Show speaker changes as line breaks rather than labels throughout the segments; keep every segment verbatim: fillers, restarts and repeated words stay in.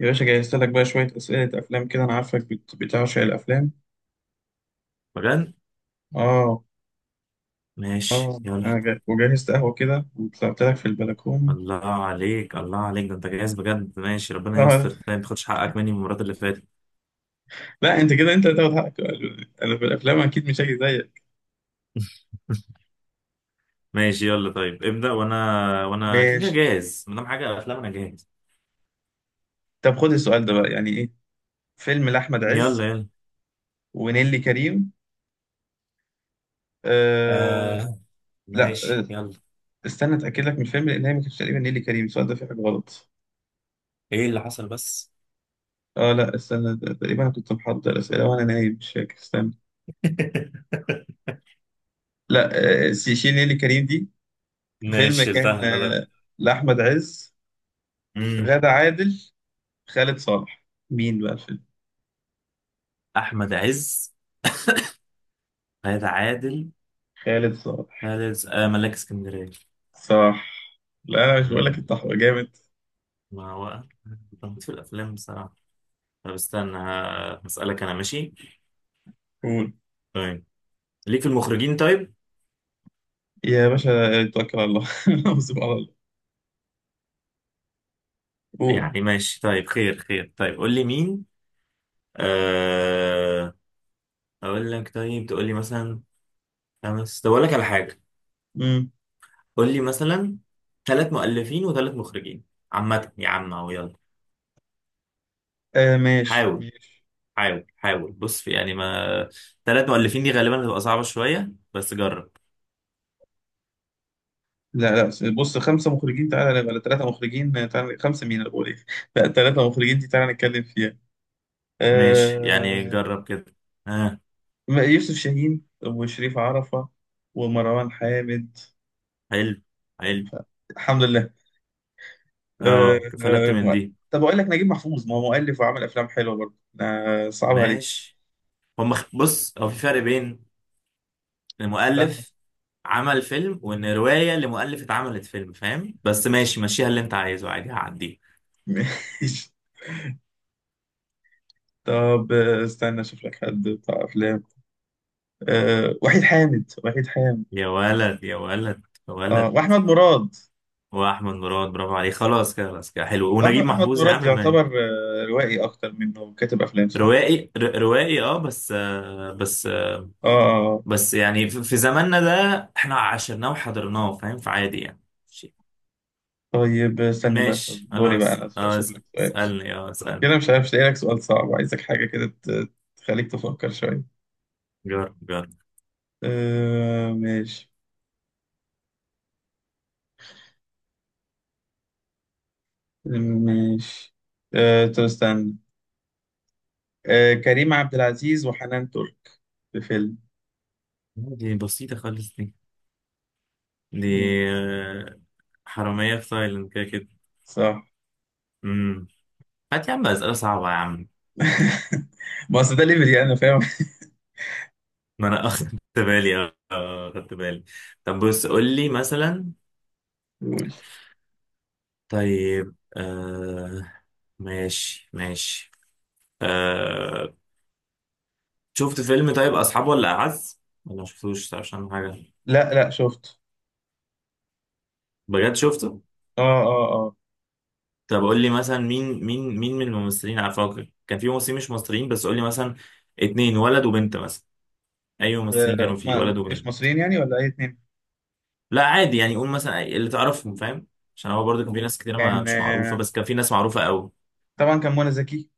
يا باشا جهزت لك بقى شوية أسئلة أفلام كده، أنا عارفك بت- بتعشق الأفلام.
بجد.
آه.
ماشي
آه
يلا.
أنا جا- وجهزت قهوة كده وطلعت لك في البلكونة.
الله عليك، الله عليك، ده انت جاهز بجد. ماشي، ربنا
آه،
يستر. طيب ما تاخدش حقك مني من المرات اللي فاتت.
لا أنت كده، أنت اللي هتاخد حقك. أنا في الأفلام أكيد مش هاجي زيك.
ماشي يلا، طيب ابدأ، وانا وانا كده كده
ماشي.
جاهز، ما دام حاجة افلام انا جاهز.
طب خد السؤال ده بقى، يعني إيه فيلم لأحمد عز
يلا يلا.
ونيلي كريم؟ آه،
آه
لا،
ماشي
آه،
يلا.
استنى أتأكد لك من الفيلم، لأن هي ما كانتش تقريبا نيلي كريم، السؤال ده فيه حاجة غلط.
ايه اللي حصل بس؟
آه، لا، استنى، ده- تقريبا أنا كنت محضر الأسئلة وأنا نايم، مش فاكر. استنى. لا، آه، شيل نيلي كريم دي.
ماشي،
فيلم كان،
شلتها خلاص.
آه، لأحمد عز،
مم.
غادة عادل، خالد صالح، مين بقى الفيلم؟
احمد عز، خالد عادل،
خالد صالح
خالد آه ملاك اسكندريه.
صح. لا، أنا مش بقول لك
مم.
انت حو- جامد.
ما هو أنا بموت في الافلام بصراحه. طب استنى، ه- هسألك انا، ماشي.
قول
طيب ليك في المخرجين، طيب.
يا باشا، توكل على الله. سبحان الله. قول.
يعني ماشي، طيب خير خير، طيب قول لي مين. آه... اقول لك، طيب تقول لي مثلا خمس. طب اقول لك على حاجه،
امم.
قول لي مثلا ثلاث مؤلفين وثلاث مخرجين. عامه يا عم اهو، يلا.
آه ماشي
حاول
ماشي.
حاول حاول، بص في، يعني ما، ثلاث مؤلفين دي غالبا هتبقى صعبه شويه، بس جرب.
لا لا، س- بص، خمسة مخرجين، تعالى نبقى ثلاثة مخرجين، آه، تعالى خمسة مين، أنا بقول إيه. لا، ثلاثة مخرجين دي تعالى نتكلم فيها.
ماشي يعني،
آه.
جرب كده. ها. آه.
يوسف شاهين وشريف عرفة ومروان حامد.
حلو حلو،
الحمد لله. أه،
اه فلت من
أه.
دي.
طب اقول لك نجيب محفوظ ما هو مؤلف وعمل افلام حلوه برضه. أه، صعب عليك.
ماشي. هم، بص، هو في فرق بين
فاهمك.
المؤلف عمل فيلم وان روايه لمؤلف اتعملت فيلم، فاهم؟ بس ماشي، مشيها اللي انت عايزه، عادي هعديه.
ماشي. طب، آه، استنى اشوف لك حد بتاع افلام. أه، وحيد حامد، وحيد حامد.
يا ولد يا ولد يا
اه،
ولد.
واحمد مراد.
واحمد مراد، برافو عليه، خلاص كده خلاص كده، حلو.
واحمد
ونجيب
احمد
محفوظ يا
مراد
عم ما.
يعتبر، آه، روائي اكتر منه كاتب افلام صح.
روائي ر- روائي اه، بس آه بس آه.
اه، آه، آه.
بس يعني في في زماننا ده احنا عشرناه وحضرناه، فاهم؟ فعادي يعني. ماشي،
طيب استنى بقى، استنى،
ماشي،
دوري بقى
خلاص،
انا
اه
اشوف
اس-
لك سؤال.
اسالني، اه اسالني.
كده مش عارف، مش لاقي لك سؤال صعب، عايزك حاجه كده ت- تخليك تفكر شويه.
جرب جرب.
أه ماشي ماشي. أه طب استنى. أه كريم عبد العزيز وحنان ترك في فيلم
دي بسيطة خالص دي دي آه، حرامية في تايلاند كده.
صح.
كده، هات يا عم أسئلة صعبة يا عم.
ما أصل ده ليفلي، أنا فاهم.
ما أنا أخدت بالي. أه آه، أخدت بالي. طب بص، قول لي مثلا.
قول.
طيب آه ماشي ماشي. آه شفت فيلم طيب أصحاب ولا أعز؟ ولا ما شفتوش عشان حاجة؟
لا لا، شفت.
بجد شفته؟
اه اه اه.
طب قول لي مثلا، مين مين مين من الممثلين. عارفه كان في ممثلين مش مصريين، بس قول لي مثلا اتنين، ولد وبنت مثلا. أي ممثلين كانوا
آه،
فيه،
ما
ولد
مش
وبنت.
مصريين يعني، ولا أي اتنين؟
لا عادي يعني، قول مثلا اللي تعرفهم، فاهم؟ عشان هو برضه كان في ناس كتير ما
كان
مش معروفة،
آه
بس كان في ناس معروفة قوي.
طبعا كان منى زكي.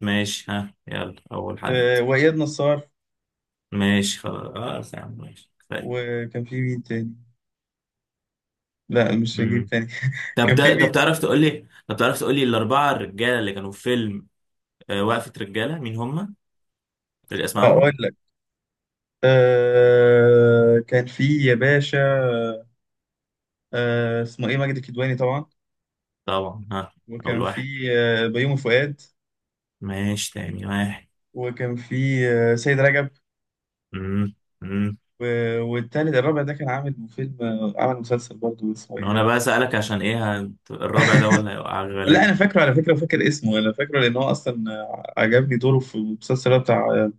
ماشي، ها يلا، أول حد.
آه، وإياد نصار.
ماشي خلاص يا عم، ماشي كفاية.
وكان في مين تاني؟ لا مش هجيب
مم.
تاني.
طب
كان
ت-
في
طب
مين؟
تعرف تقول لي، طب تعرف تقول لي الأربعة الرجالة اللي كانوا في فيلم آه، وقفة رجالة، مين هم؟ اللي أسمائهم؟
أقول لك. آه كان في يا باشا، آه اسمه إيه، ماجد الكدواني طبعا.
طبعا، ها، أول
وكان في،
واحد.
آه، بيومي فؤاد.
ماشي، تاني واحد.
وكان في، آه، سيد رجب.
مم. مم.
و- والتالت الرابع ده كان عامل فيلم، آه، عمل مسلسل برضه، اسمه ايه
ما
يا
أنا
رب؟
بقى أسألك عشان إيه، هت- الرابع ده ولا هيوقع
لا
غالبا.
انا فاكره، على فكره فاكر اسمه. انا فاكره لان هو اصلا، آه، عجبني دوره في المسلسل اللي هو بتاع، آه،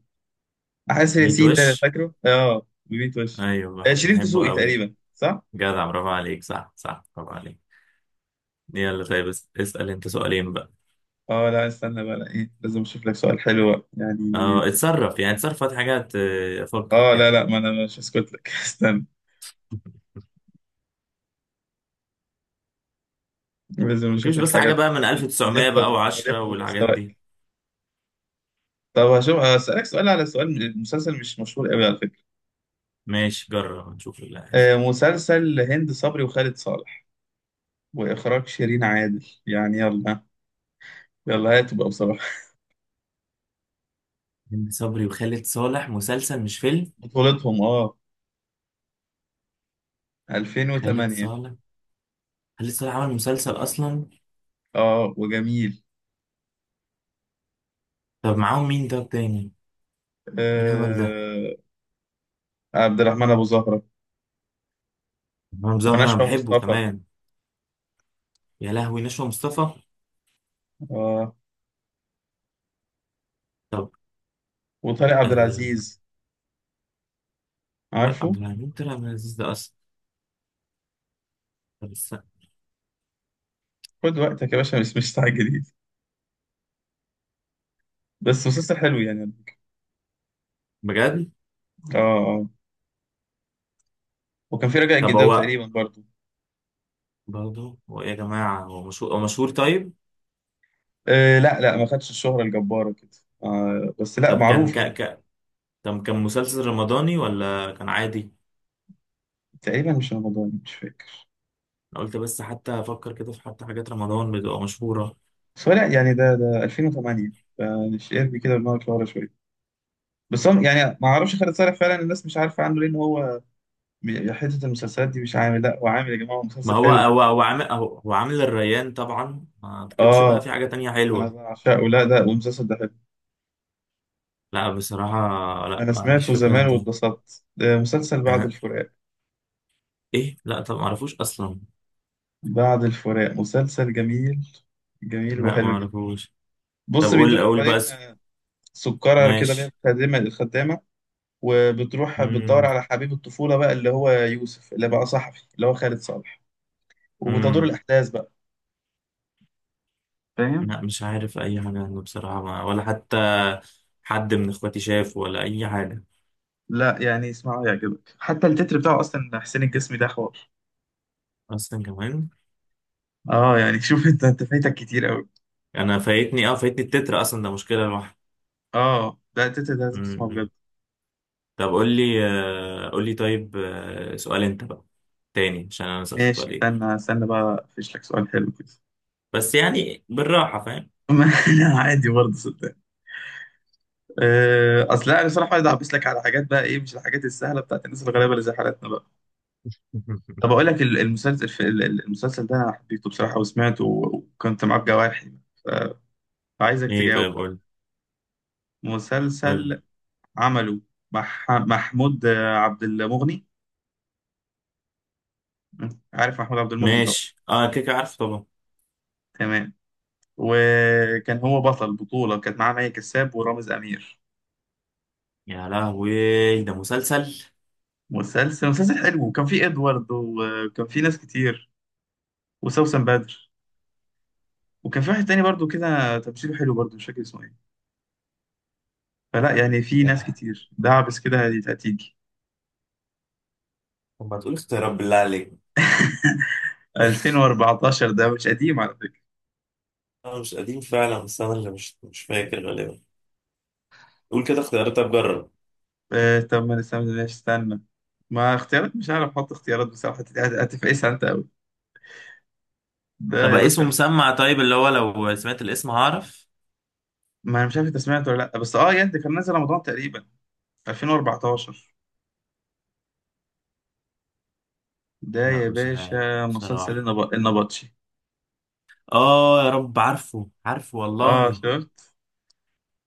حاسس
ميت
ياسين
وش؟
ده، فاكره اه، بميت وش.
أيوه
آه،
بح-
شريف
بحبه
دسوقي
قوي.
تقريبا صح.
جدع، برافو عليك، صح صح، برافو عليك. يلا طيب، اس- اسأل أنت سؤالين بقى.
اه لا، استنى بقى، لا ايه، لازم اشوف لك سؤال حلو بقى يعني.
اه، اتصرف يعني، اتصرف في حاجات، آه، افكر
اه لا
كده.
لا، ما انا مش هسكت لك. استنى، لازم
ما
اشوف
تجيبش
لك
بس حاجه
حاجه
بقى من
تضيف،
ألف وتسعمائة بقى،
تضيف
وعشرة والحاجات دي.
لمستواك. طب هشوف، هسألك سؤال على سؤال من مسلسل مش مشهور قوي على فكرة.
ماشي، جرب نشوف اللي هيحصل.
آه، مسلسل هند صبري وخالد صالح وإخراج شيرين عادل، يعني يلا يلا، هاتوا بقى بصراحة.
هند صبري وخالد صالح مسلسل مش فيلم؟
بطولتهم اه،
خالد
ألفين وثمانية.
صالح خالد صالح عمل مسلسل اصلا؟
اه وجميل.
طب معاهم مين ده تاني؟ ايه الهبل ده!
آه، عبد الرحمن أبو زهرة
امام زهر، انا
ونشوى
بحبه
مصطفى.
كمان. يا لهوي، نشوى مصطفى.
اه
طب
وطارق عبد
آه...
العزيز.
طارق
عارفه.
عبد العزيز، طارق عبد العزيز ده اصلا. طب است-
خد وقتك يا باشا، مش مستعجلين. بس مسلسل حلو يعني.
بجد؟
اه اه. وكان في رجاء
طب
الجداوي
هو
تقريبا برضه.
برضه، هو ايه يا جماعه، هو مشهور، هو مشهور، طيب.
آه لا لا، ما خدش الشهرة الجبارة كده، آه بس لا
طب كان
معروف
ك...
يعني.
ك... طب كان مسلسل رمضاني ولا كان عادي؟
تقريبا مش رمضان، مش فاكر.
أنا قلت بس حتى أفكر كده، في حتى حاجات رمضان بتبقى مشهورة.
بس هو لا يعني، ده ده ألفين وتمانية، فشيربي كده دماغك لورا شوية. بس هم يعني ما اعرفش، خالد صالح فعلا الناس مش عارفة عنه، لان هو م- حتة المسلسلات دي مش عامل، لا هو عامل يا جماعة، هو
ما
مسلسل
هو،
حلو.
هو هو عامل، هو هو عامل الريان طبعا، ما أعتقدش بقى في
اه
حاجة تانية
انا
حلوة.
بعشقه، لا ده المسلسل ده حلو.
لا بصراحة، لا
انا
ما عنديش
سمعته
فكرة
زمان
أنت.
واتبسطت، ده مسلسل بعد
يعني
الفراق.
إيه؟ لا طب ما أعرفوش أصلا.
بعد الفراق مسلسل جميل، جميل
لا ما
وحلو جدا.
أعرفوش. طب
بص
قول
بيدور
قول بقى
حوالين
اسم.
سكرة كده، اللي هي
ماشي.
الخادمة الخدامة، وبتروح بتدور
امم
على حبيب الطفولة بقى اللي هو يوسف، اللي بقى صحفي اللي هو خالد صالح، وبتدور
امم
الأحداث بقى. فاهم؟
لا مش عارف أي حاجة عنه بصراحة، ما ولا حتى حد من إخواتي شاف ولا أي حاجة.
لا يعني اسمعه يعجبك، حتى التتر بتاعه أصلا حسين الجسمي، ده حوار.
أصلا كمان.
اه يعني شوف انت انت فايتك كتير قوي.
انا فايتني، اه فايتني التتر اصلا، ده مشكله لوحده.
اه ده التتر ده لازم تسمعه
مم.
بجد.
طب قول لي، آه، قول لي طيب، آه، سؤال انت بقى تاني، عشان انا سألت
ماشي
عليك.
استنى، استنى بقى افيش لك سؤال حلو كده.
بس يعني بالراحة، فاهم؟
لا عادي برضه صدق. آه، اصل لا، انا صراحه عايز اعبس لك على حاجات بقى، ايه مش الحاجات السهله بتاعت الناس الغلابه اللي زي حالتنا بقى. طب اقول لك، ال- المسلسل، في ال- ال- المسلسل ده انا حبيته بصراحه وسمعته، و- وكنت معاه بجوارحي. ف- فعايزك
ايه
تجاوب
طيب،
بقى.
قول. قول لي.
مسلسل عمله مح... محمود عبد المغني. عارف محمود عبد المغني طبعا.
ماشي اه، كيك عارف طبعا.
تمام. وكان هو بطل بطوله، كانت معاه مي كساب ورامز امير.
يا لهوي، ده مسلسل!
مسلسل، مسلسل حلو، وكان فيه ادوارد وكان فيه ناس كتير وسوسن بدر. وكان في واحد تاني برضو كده تمثيله حلو برضو، مش فاكر اسمه ايه. فلا يعني في ناس
ياه.
كتير، ده عبس كده، هتيجي.
طب ما تقول اختيارات بالله عليك.
ألفين وأربعتاشر، ده مش قديم على فكرة.
انا مش قديم فعلا، بس انا اللي مش مش فاكر غالبا. قول كده اختيارات، طب جرب.
آه، طب ما نستنى ليش، استنى، ما اختيارات مش عارف احط اختيارات بصراحة، هت- هت- هتفقسها انت قوي. ده
طب
يا
اسمه
باشا.
مسمع طيب، اللي هو لو سمعت الاسم هعرف.
ما انا مش عارف انت سمعت ولا لا، بس اه يعني ده كان نازل رمضان تقريبا ألفين وأربعتاشر. ده
لا
يا
مش عارف
باشا مسلسل
بصراحة.
النب- النبطشي.
اه يا رب، عارفه عارفه
اه
والله.
شفت.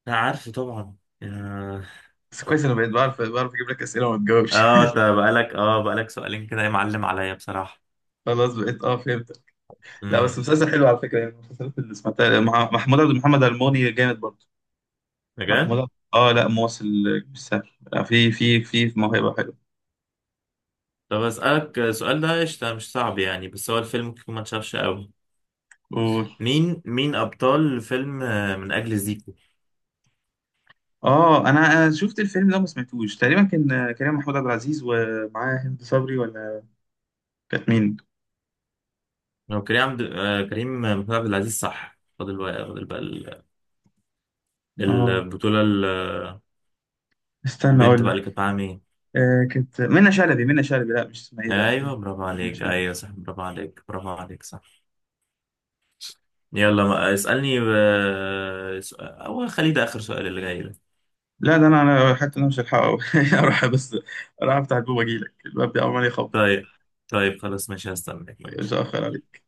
لا عارفه طبعا. يا-
بس كويس، انا بقيت بعرف، بعرف اجيب لك اسئله وما تجاوبش.
اه انت بقالك، اه بقالك سؤالين كده يا معلم، عليا بصراحة.
خلاص بقيت اه فهمت. لا بس
امم
مسلسل حلو على فكره يعني. المسلسلات اللي سمعتها مع- محمود عبد محمد الموني جامد برضه. محمود
بجد؟
عبد- اه لا، مواصل مش سهل، آه، في في في موهبه حلوه.
طب اسألك السؤال ده قشطة، مش صعب يعني، بس هو الفيلم ممكن ما اتشافش قوي.
قول.
مين مين ابطال فيلم آه، من اجل زيكو؟
اه انا شفت الفيلم ده، ما سمعتوش تقريبا، كان كريم محمود عبد العزيز ومعاه هند صبري، ولا كانت مين؟
لو كريم عبد آه، كريم آه، محمود عبد العزيز صح، فاضل بقى- فاضل بقى ال-
اه
البطولة، ال-
استنى
البنت
اقول
بقى اللي
لك.
كانت معاها مين؟
آه كانت منى شلبي، منى شلبي، لا مش اسمها ايه، لا.
ايوه برافو
منى
عليك، ايوه
شلبي.
صح، برافو عليك، برافو عليك صح. يلا، ما اسألني، آه، سؤال- هو خليه ده اخر سؤال اللي جاي ده.
لا ده انا انا حتى انا مش هلحقه. اروح بس، اروح افتح الباب واجي لك. الباب ده عمال يخبط،
طيب. طيب خلاص ماشي، هستناك
مش
ماشي.
هأخر عليك.